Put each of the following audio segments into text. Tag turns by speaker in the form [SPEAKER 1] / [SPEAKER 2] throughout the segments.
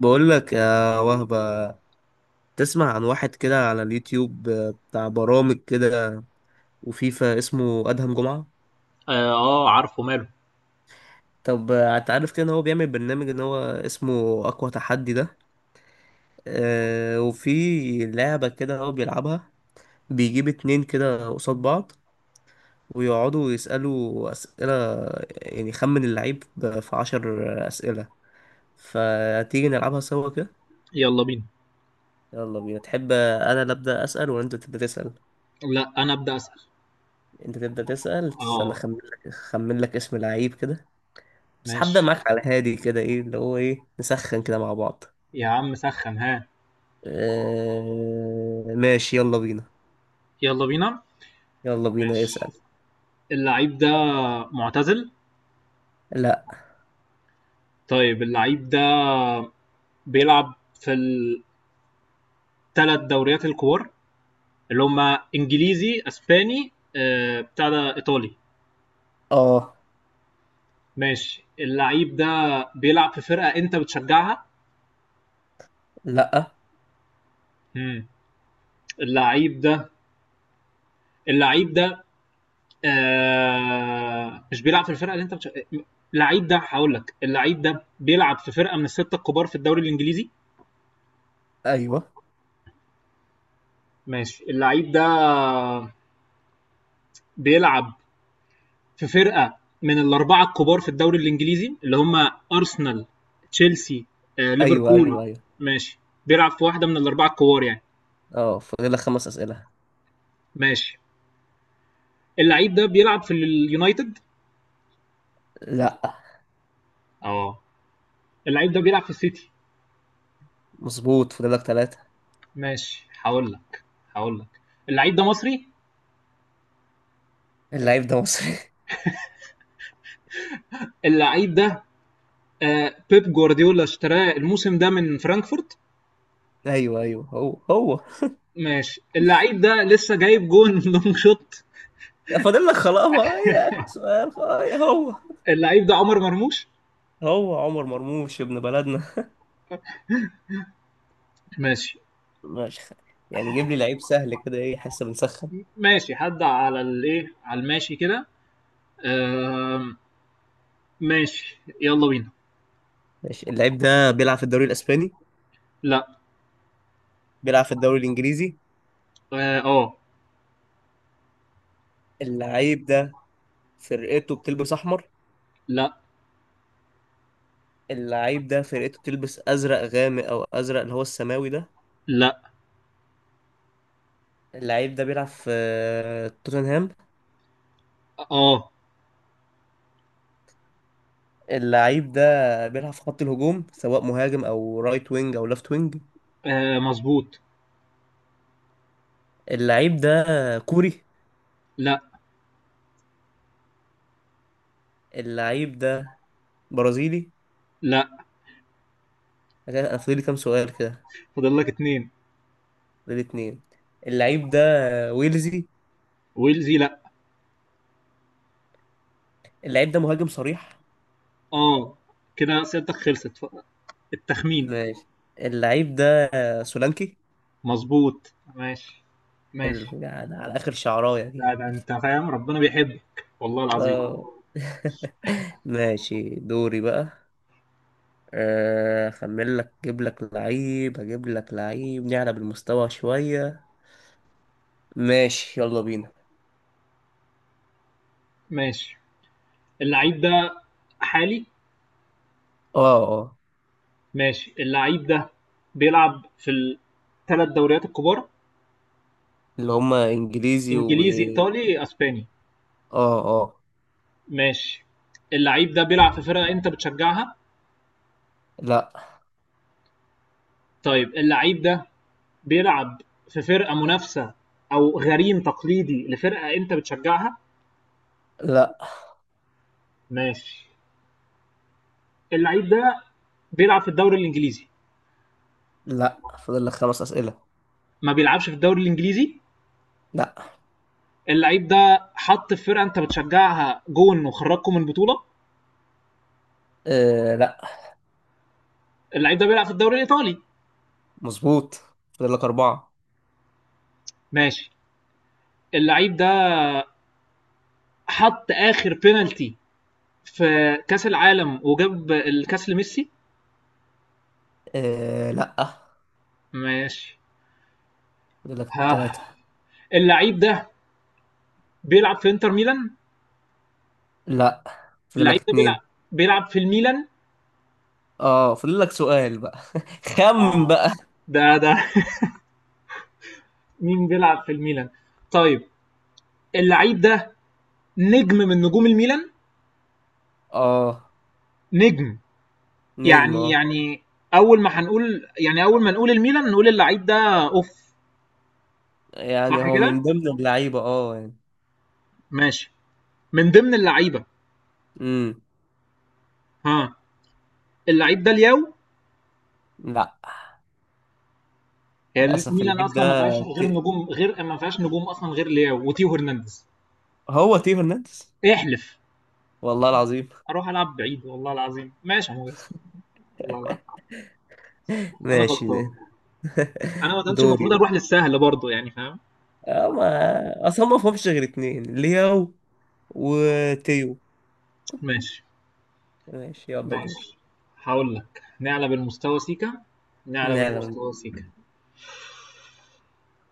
[SPEAKER 1] بقول لك يا وهبة، تسمع عن واحد كده على اليوتيوب بتاع برامج كده وفيفا، اسمه أدهم جمعة.
[SPEAKER 2] اه آه، عارفه ماله.
[SPEAKER 1] طب انت عارف كده ان هو بيعمل برنامج ان هو اسمه اقوى تحدي ده. آه، وفي لعبة كده هو بيلعبها، بيجيب اتنين كده قصاد بعض ويقعدوا يسألوا أسئلة، يعني خمن اللعيب في عشر أسئلة. فتيجي نلعبها سوا كده.
[SPEAKER 2] يلا بينا.
[SPEAKER 1] يلا بينا، تحب انا اللي ابدا اسال ولا انت تبدا تسال؟
[SPEAKER 2] لا انا ابدا اسال.
[SPEAKER 1] انت تبدأ تسأل. استنى
[SPEAKER 2] اه،
[SPEAKER 1] اخمن لك، اخمن لك اسم لعيب كده، بس
[SPEAKER 2] ماشي
[SPEAKER 1] هبدأ معاك على هادي كده. ايه اللي هو ايه، نسخن كده مع بعض.
[SPEAKER 2] يا عم سخن ها.
[SPEAKER 1] اه... ماشي يلا بينا.
[SPEAKER 2] يلا بينا.
[SPEAKER 1] يلا بينا
[SPEAKER 2] ماشي،
[SPEAKER 1] اسأل.
[SPEAKER 2] اللعيب ده معتزل.
[SPEAKER 1] لا.
[SPEAKER 2] طيب اللعيب ده بيلعب في الثلاث دوريات الكبار، اللي هما انجليزي اسباني، بتاع ده ايطالي.
[SPEAKER 1] اه.
[SPEAKER 2] ماشي اللعيب ده بيلعب في فرقة انت بتشجعها.
[SPEAKER 1] لا.
[SPEAKER 2] مم. اللعيب ده، اللعيب ده مش بيلعب في الفرقه اللي انت اللعيب ده هقول لك اللعيب ده بيلعب في فرقه من السته الكبار في الدوري الانجليزي.
[SPEAKER 1] ايوه
[SPEAKER 2] ماشي اللعيب ده بيلعب في فرقه من الاربعه الكبار في الدوري الانجليزي، اللي هم ارسنال، تشيلسي،
[SPEAKER 1] ايوه ايوه.
[SPEAKER 2] ليفربول.
[SPEAKER 1] ايوه.
[SPEAKER 2] ماشي، بيلعب في واحده من الاربعه الكبار يعني.
[SPEAKER 1] اه، فاضلك خمس أسئلة.
[SPEAKER 2] ماشي اللعيب ده بيلعب في اليونايتد.
[SPEAKER 1] لا.
[SPEAKER 2] اه، اللعيب ده بيلعب في السيتي.
[SPEAKER 1] مظبوط، فاضلك ثلاثة.
[SPEAKER 2] ماشي هقول لك اللعيب ده مصري.
[SPEAKER 1] اللعيب ده مصري
[SPEAKER 2] اللعيب ده بيب جوارديولا اشتراه الموسم ده من فرانكفورت.
[SPEAKER 1] ايوه ايوه، هو هو.
[SPEAKER 2] ماشي اللعيب ده لسه جايب جون لونج شوت.
[SPEAKER 1] فاضل لك خلاص، ما هي اخر سؤال، خلاص هي هو.
[SPEAKER 2] اللعيب ده عمر مرموش.
[SPEAKER 1] هو عمر مرموش، ابن بلدنا.
[SPEAKER 2] ماشي
[SPEAKER 1] مش خ... يعني جيب لي لعيب سهل كده، ايه حاسه بنسخن.
[SPEAKER 2] ماشي، حد على الايه على الماشي كده. آه. ماشي يلا بينا.
[SPEAKER 1] ماشي. اللعيب ده بيلعب في الدوري الاسباني؟
[SPEAKER 2] لا.
[SPEAKER 1] بيلعب في الدوري الانجليزي.
[SPEAKER 2] اه. آه.
[SPEAKER 1] اللعيب ده فرقته بتلبس احمر؟
[SPEAKER 2] لا.
[SPEAKER 1] اللعيب ده فرقته بتلبس ازرق غامق او ازرق اللي هو السماوي ده؟
[SPEAKER 2] لا.
[SPEAKER 1] اللعيب ده بيلعب في توتنهام؟
[SPEAKER 2] اه.
[SPEAKER 1] اللعيب ده بيلعب في خط الهجوم، سواء مهاجم او رايت وينج او ليفت وينج؟
[SPEAKER 2] آه، مظبوط.
[SPEAKER 1] اللعيب ده كوري؟
[SPEAKER 2] لا.
[SPEAKER 1] اللعيب ده برازيلي؟
[SPEAKER 2] لا
[SPEAKER 1] انا فاضل لي كام سؤال كده؟
[SPEAKER 2] فاضل لك اتنين.
[SPEAKER 1] فاضل لي اتنين. اللعيب ده ويلزي؟
[SPEAKER 2] ويلزي لا.
[SPEAKER 1] اللعيب ده مهاجم صريح؟
[SPEAKER 2] اه، كده اسئلتك خلصت التخمين.
[SPEAKER 1] ماشي، اللعيب ده سولانكي.
[SPEAKER 2] مظبوط ماشي. ماشي.
[SPEAKER 1] يعني على اخر شعرايه دي.
[SPEAKER 2] لا ده انت فاهم، ربنا بيحبك والله العظيم.
[SPEAKER 1] اه. ماشي دوري بقى. آه، اخمن لك، اجيب لك لعيب، اجيب لك لعيب نعلى بالمستوى شويه. ماشي يلا بينا.
[SPEAKER 2] ماشي، اللعيب ده حالي.
[SPEAKER 1] اه اه.
[SPEAKER 2] ماشي اللعيب ده بيلعب في الثلاث دوريات الكبار.
[SPEAKER 1] اللي هما انجليزي و.
[SPEAKER 2] انجليزي ايطالي اسباني.
[SPEAKER 1] اه اه.
[SPEAKER 2] ماشي اللعيب ده بيلعب في فرقة انت بتشجعها.
[SPEAKER 1] لا
[SPEAKER 2] طيب اللعيب ده بيلعب في فرقة منافسة او غريم تقليدي لفرقة انت بتشجعها.
[SPEAKER 1] لا
[SPEAKER 2] ماشي اللعيب ده بيلعب في الدوري الانجليزي.
[SPEAKER 1] لا، فاضل لك خمس اسئله.
[SPEAKER 2] ما بيلعبش في الدوري الانجليزي.
[SPEAKER 1] لا.
[SPEAKER 2] اللعيب ده حط في فرقه انت بتشجعها جون وخرجكم من البطوله.
[SPEAKER 1] آه لا.
[SPEAKER 2] اللعيب ده بيلعب في الدوري الايطالي.
[SPEAKER 1] مظبوط، فاضل لك اربعه.
[SPEAKER 2] ماشي اللعيب ده حط اخر بينالتي في كاس العالم وجاب الكاس لميسي
[SPEAKER 1] آه لا.
[SPEAKER 2] ماشي.
[SPEAKER 1] فاضل لك
[SPEAKER 2] ها،
[SPEAKER 1] ثلاثة.
[SPEAKER 2] اللعيب ده بيلعب في انتر ميلان.
[SPEAKER 1] لا، فاضل
[SPEAKER 2] اللعيب
[SPEAKER 1] لك
[SPEAKER 2] ده بيلعب
[SPEAKER 1] اتنين.
[SPEAKER 2] بيلعب في الميلان.
[SPEAKER 1] اه، فاضل لك سؤال بقى. خمن
[SPEAKER 2] اه،
[SPEAKER 1] بقى.
[SPEAKER 2] ده مين بيلعب في الميلان؟ طيب اللعيب ده نجم من نجوم الميلان.
[SPEAKER 1] اه.
[SPEAKER 2] نجم.
[SPEAKER 1] نجم،
[SPEAKER 2] يعني
[SPEAKER 1] اه.
[SPEAKER 2] يعني أول ما هنقول يعني أول ما نقول الميلان نقول اللعيب ده أوف.
[SPEAKER 1] يعني
[SPEAKER 2] صح
[SPEAKER 1] هو
[SPEAKER 2] كده؟
[SPEAKER 1] من ضمن اللعيبة، اه يعني.
[SPEAKER 2] ماشي، من ضمن اللعيبة.
[SPEAKER 1] امم.
[SPEAKER 2] ها، اللعيب ده لياو.
[SPEAKER 1] لا.
[SPEAKER 2] هي
[SPEAKER 1] للأسف
[SPEAKER 2] الميلان
[SPEAKER 1] اللعيب ده
[SPEAKER 2] أصلا ما فيهاش غير
[SPEAKER 1] ت...
[SPEAKER 2] نجوم، غير ما فيهاش نجوم أصلا غير لياو وتيو هرنانديز.
[SPEAKER 1] هو تيو هرنانديز.
[SPEAKER 2] احلف.
[SPEAKER 1] والله العظيم.
[SPEAKER 2] أروح ألعب بعيد، والله العظيم. ماشي يا مهندس، والله العظيم. أنا
[SPEAKER 1] ماشي
[SPEAKER 2] غلطان.
[SPEAKER 1] ده.
[SPEAKER 2] أنا ما كانش
[SPEAKER 1] دوري
[SPEAKER 2] المفروض أروح
[SPEAKER 1] ده.
[SPEAKER 2] للسهل برضه، يعني فاهم؟
[SPEAKER 1] اه، ما اصلا ما فهمش غير اتنين، لياو وتيو.
[SPEAKER 2] ماشي.
[SPEAKER 1] ماشي يلا دور.
[SPEAKER 2] ماشي هقول لك، نعلى بالمستوى سيكا. نعلى
[SPEAKER 1] نعلم بيه.
[SPEAKER 2] بالمستوى سيكا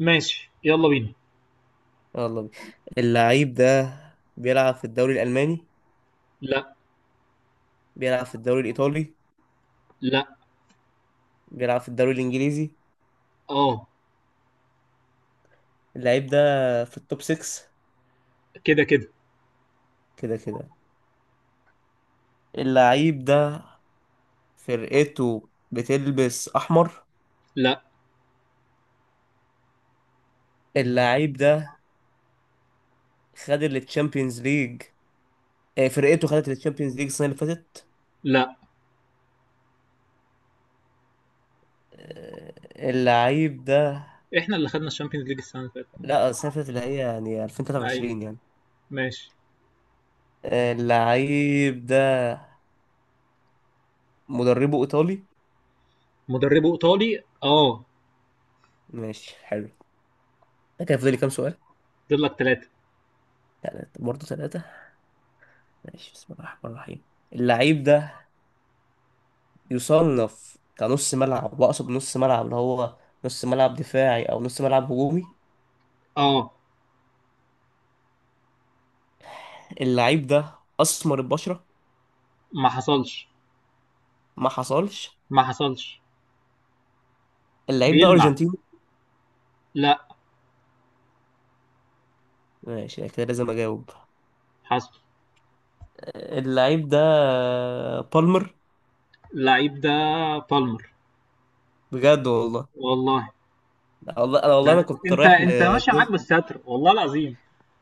[SPEAKER 2] ماشي يلا بينا.
[SPEAKER 1] يلا بيه. اللعيب ده بيلعب في الدوري الألماني؟
[SPEAKER 2] لا.
[SPEAKER 1] بيلعب في الدوري الإيطالي؟
[SPEAKER 2] لا.
[SPEAKER 1] بيلعب في الدوري الانجليزي.
[SPEAKER 2] آه.
[SPEAKER 1] اللعيب ده في التوب 6.
[SPEAKER 2] كده، كده.
[SPEAKER 1] كده كده. اللعيب ده فرقته بتلبس احمر؟
[SPEAKER 2] لأ.
[SPEAKER 1] اللعيب ده خد التشامبيونز ليج، آه، فرقته خدت التشامبيونز ليج السنه اللي فاتت.
[SPEAKER 2] لأ،
[SPEAKER 1] آه، اللعيب ده.
[SPEAKER 2] إحنا اللي خدنا الشامبيونز ليج السنة اللي فاتت.
[SPEAKER 1] لا، السنه اللي فاتت اللي هي يعني
[SPEAKER 2] أيوه.
[SPEAKER 1] 2023 يعني.
[SPEAKER 2] ماشي.
[SPEAKER 1] آه، اللعيب ده مدربه ايطالي؟
[SPEAKER 2] مدربه إيطالي آه.
[SPEAKER 1] ماشي حلو. ده كان فاضل لي كام سؤال؟
[SPEAKER 2] فاضل لك 3
[SPEAKER 1] يعني برضه ثلاثه. ماشي، بسم الله الرحمن الرحيم. اللعيب ده يصنف كنص ملعب، واقصد نص ملعب اللي هو نص ملعب دفاعي او نص ملعب هجومي؟
[SPEAKER 2] آه.
[SPEAKER 1] اللعيب ده اسمر البشره؟
[SPEAKER 2] ما حصلش.
[SPEAKER 1] ما حصلش.
[SPEAKER 2] ما حصلش.
[SPEAKER 1] اللعيب ده
[SPEAKER 2] بيلمع.
[SPEAKER 1] ارجنتيني؟
[SPEAKER 2] لأ.
[SPEAKER 1] ماشي، أنا كده لازم اجاوب.
[SPEAKER 2] حصل.
[SPEAKER 1] اللعيب ده بالمر.
[SPEAKER 2] اللعيب ده بالمر.
[SPEAKER 1] بجد والله.
[SPEAKER 2] والله.
[SPEAKER 1] لا والله، انا
[SPEAKER 2] ده
[SPEAKER 1] والله انا
[SPEAKER 2] أنت
[SPEAKER 1] كنت
[SPEAKER 2] أنت
[SPEAKER 1] رايح ل
[SPEAKER 2] أنت ماشية معاك
[SPEAKER 1] ديز-
[SPEAKER 2] بالستر، والله العظيم.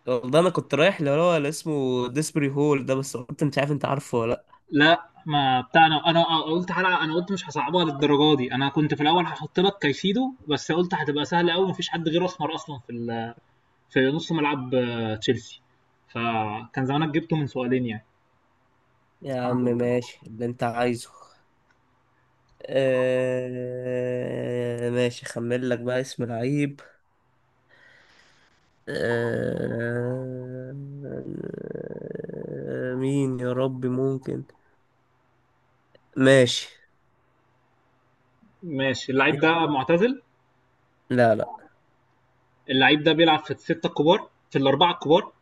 [SPEAKER 1] والله انا كنت رايح اللي هو اللي اسمه ديسبري هول ده، بس قلت مش عارف انت عارفه ولا.
[SPEAKER 2] لأ، ما بتاع أنا قلت حلقة، أنا قلت مش هاصعبها للدرجة دي. أنا كنت في الأول هاحط لك كايسيدو، بس قلت هتبقى سهلة أوي، ما فيش حد غيره أسمر أصلًا في في نص ملعب آه، تشيلسي. فكان زمانك جبته من سؤالين يعني.
[SPEAKER 1] لا يا عم،
[SPEAKER 2] الحمد لله.
[SPEAKER 1] ماشي اللي انت عايزه. آه، ماشي، خمل لك بقى اسم لعيب. آه، مين يا ربي ممكن؟ ماشي
[SPEAKER 2] ماشي، اللعيب
[SPEAKER 1] يلا.
[SPEAKER 2] ده معتزل.
[SPEAKER 1] لا لا.
[SPEAKER 2] اللعيب ده بيلعب في الستة الكبار، في الأربعة الكبار.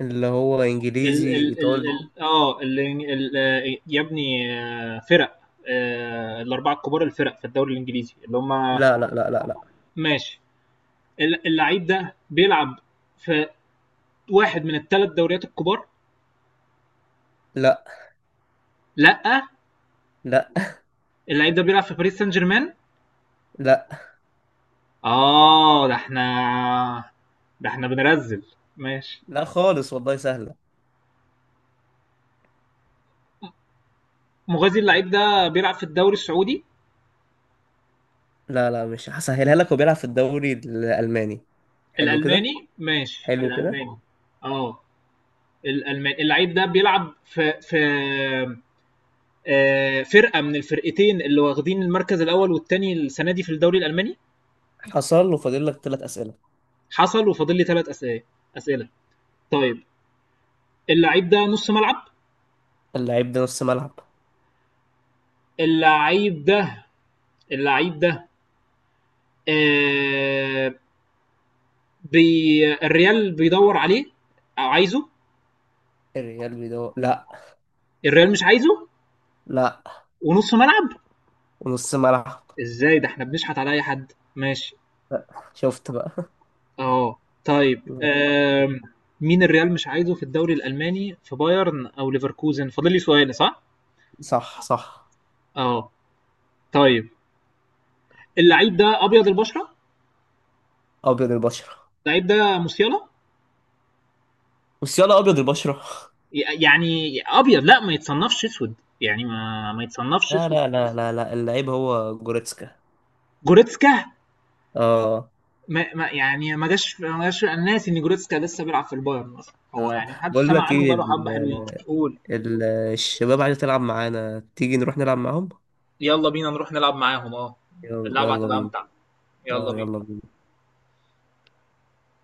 [SPEAKER 1] اللي هو
[SPEAKER 2] ال
[SPEAKER 1] انجليزي
[SPEAKER 2] ال ال
[SPEAKER 1] ايطالي.
[SPEAKER 2] ال اه ال ال آه، يا ابني آه، فرق آه، الأربعة الكبار، الفرق في الدوري الإنجليزي اللي هم.
[SPEAKER 1] لا.
[SPEAKER 2] ماشي، اللعيب ده بيلعب في واحد من الثلاث دوريات الكبار.
[SPEAKER 1] لا
[SPEAKER 2] لا.
[SPEAKER 1] لا
[SPEAKER 2] اللعيب ده بيلعب في باريس سان جيرمان.
[SPEAKER 1] لا
[SPEAKER 2] آه، ده احنا، ده احنا بنرزل. ماشي،
[SPEAKER 1] لا خالص والله سهلة.
[SPEAKER 2] مغازي، اللعيب ده بيلعب في الدوري السعودي.
[SPEAKER 1] لا لا، مش هسهلها لك. وبيلعب في الدوري الالماني؟ حلو كده.
[SPEAKER 2] الألماني، ماشي
[SPEAKER 1] حلو كده.
[SPEAKER 2] الألماني. اه، الألماني، اللعيب ده بيلعب في آه، فرقة من الفرقتين اللي واخدين المركز الأول والتاني السنة دي في الدوري الألماني.
[SPEAKER 1] حصل له، فاضل لك ثلاث اسئلة.
[SPEAKER 2] حصل وفاضل لي ثلاث أسئلة. أسئلة. طيب، اللعيب ده نص ملعب.
[SPEAKER 1] اللعيب ده نص ملعب؟
[SPEAKER 2] اللعيب ده، اللعيب ده آه، بي الريال بيدور عليه أو عايزه.
[SPEAKER 1] الريال بيدور، لا.
[SPEAKER 2] الريال مش عايزه،
[SPEAKER 1] لا.
[SPEAKER 2] ونص ملعب.
[SPEAKER 1] ونص ملعب.
[SPEAKER 2] ازاي؟ ده احنا بنشحت على اي حد. ماشي.
[SPEAKER 1] شفت بقى.
[SPEAKER 2] اه، طيب. مين الريال مش عايزه في الدوري الالماني، في بايرن او ليفركوزن؟ فاضل لي سؤال صح؟
[SPEAKER 1] صح صح.
[SPEAKER 2] اه، طيب، اللعيب ده ابيض البشره.
[SPEAKER 1] ابيض البشر؟
[SPEAKER 2] اللعيب ده موسيالا.
[SPEAKER 1] بس يلا، ابيض البشره.
[SPEAKER 2] يعني ابيض، لا ما يتصنفش اسود. يعني ما يتصنفش
[SPEAKER 1] لا
[SPEAKER 2] اسود.
[SPEAKER 1] لا لا لا لا اللعيب هو جوريتسكا.
[SPEAKER 2] جوريتسكا.
[SPEAKER 1] اه.
[SPEAKER 2] ما جاش انا ناسي ان جوريتسكا لسه بيلعب في البايرن اصلا، هو
[SPEAKER 1] اه،
[SPEAKER 2] يعني محدش
[SPEAKER 1] بقول
[SPEAKER 2] سمع
[SPEAKER 1] لك
[SPEAKER 2] عنه
[SPEAKER 1] ايه
[SPEAKER 2] بقاله حبه
[SPEAKER 1] ال
[SPEAKER 2] حلوين. قول.
[SPEAKER 1] ال الشباب عايزه تلعب معانا، تيجي نروح نلعب معاهم.
[SPEAKER 2] يلا بينا نروح نلعب معاهم، آه،
[SPEAKER 1] يلا،
[SPEAKER 2] اللعبة
[SPEAKER 1] يلا
[SPEAKER 2] هتبقى
[SPEAKER 1] بينا.
[SPEAKER 2] أمتع. يلا
[SPEAKER 1] اه
[SPEAKER 2] بينا.
[SPEAKER 1] يلا بينا.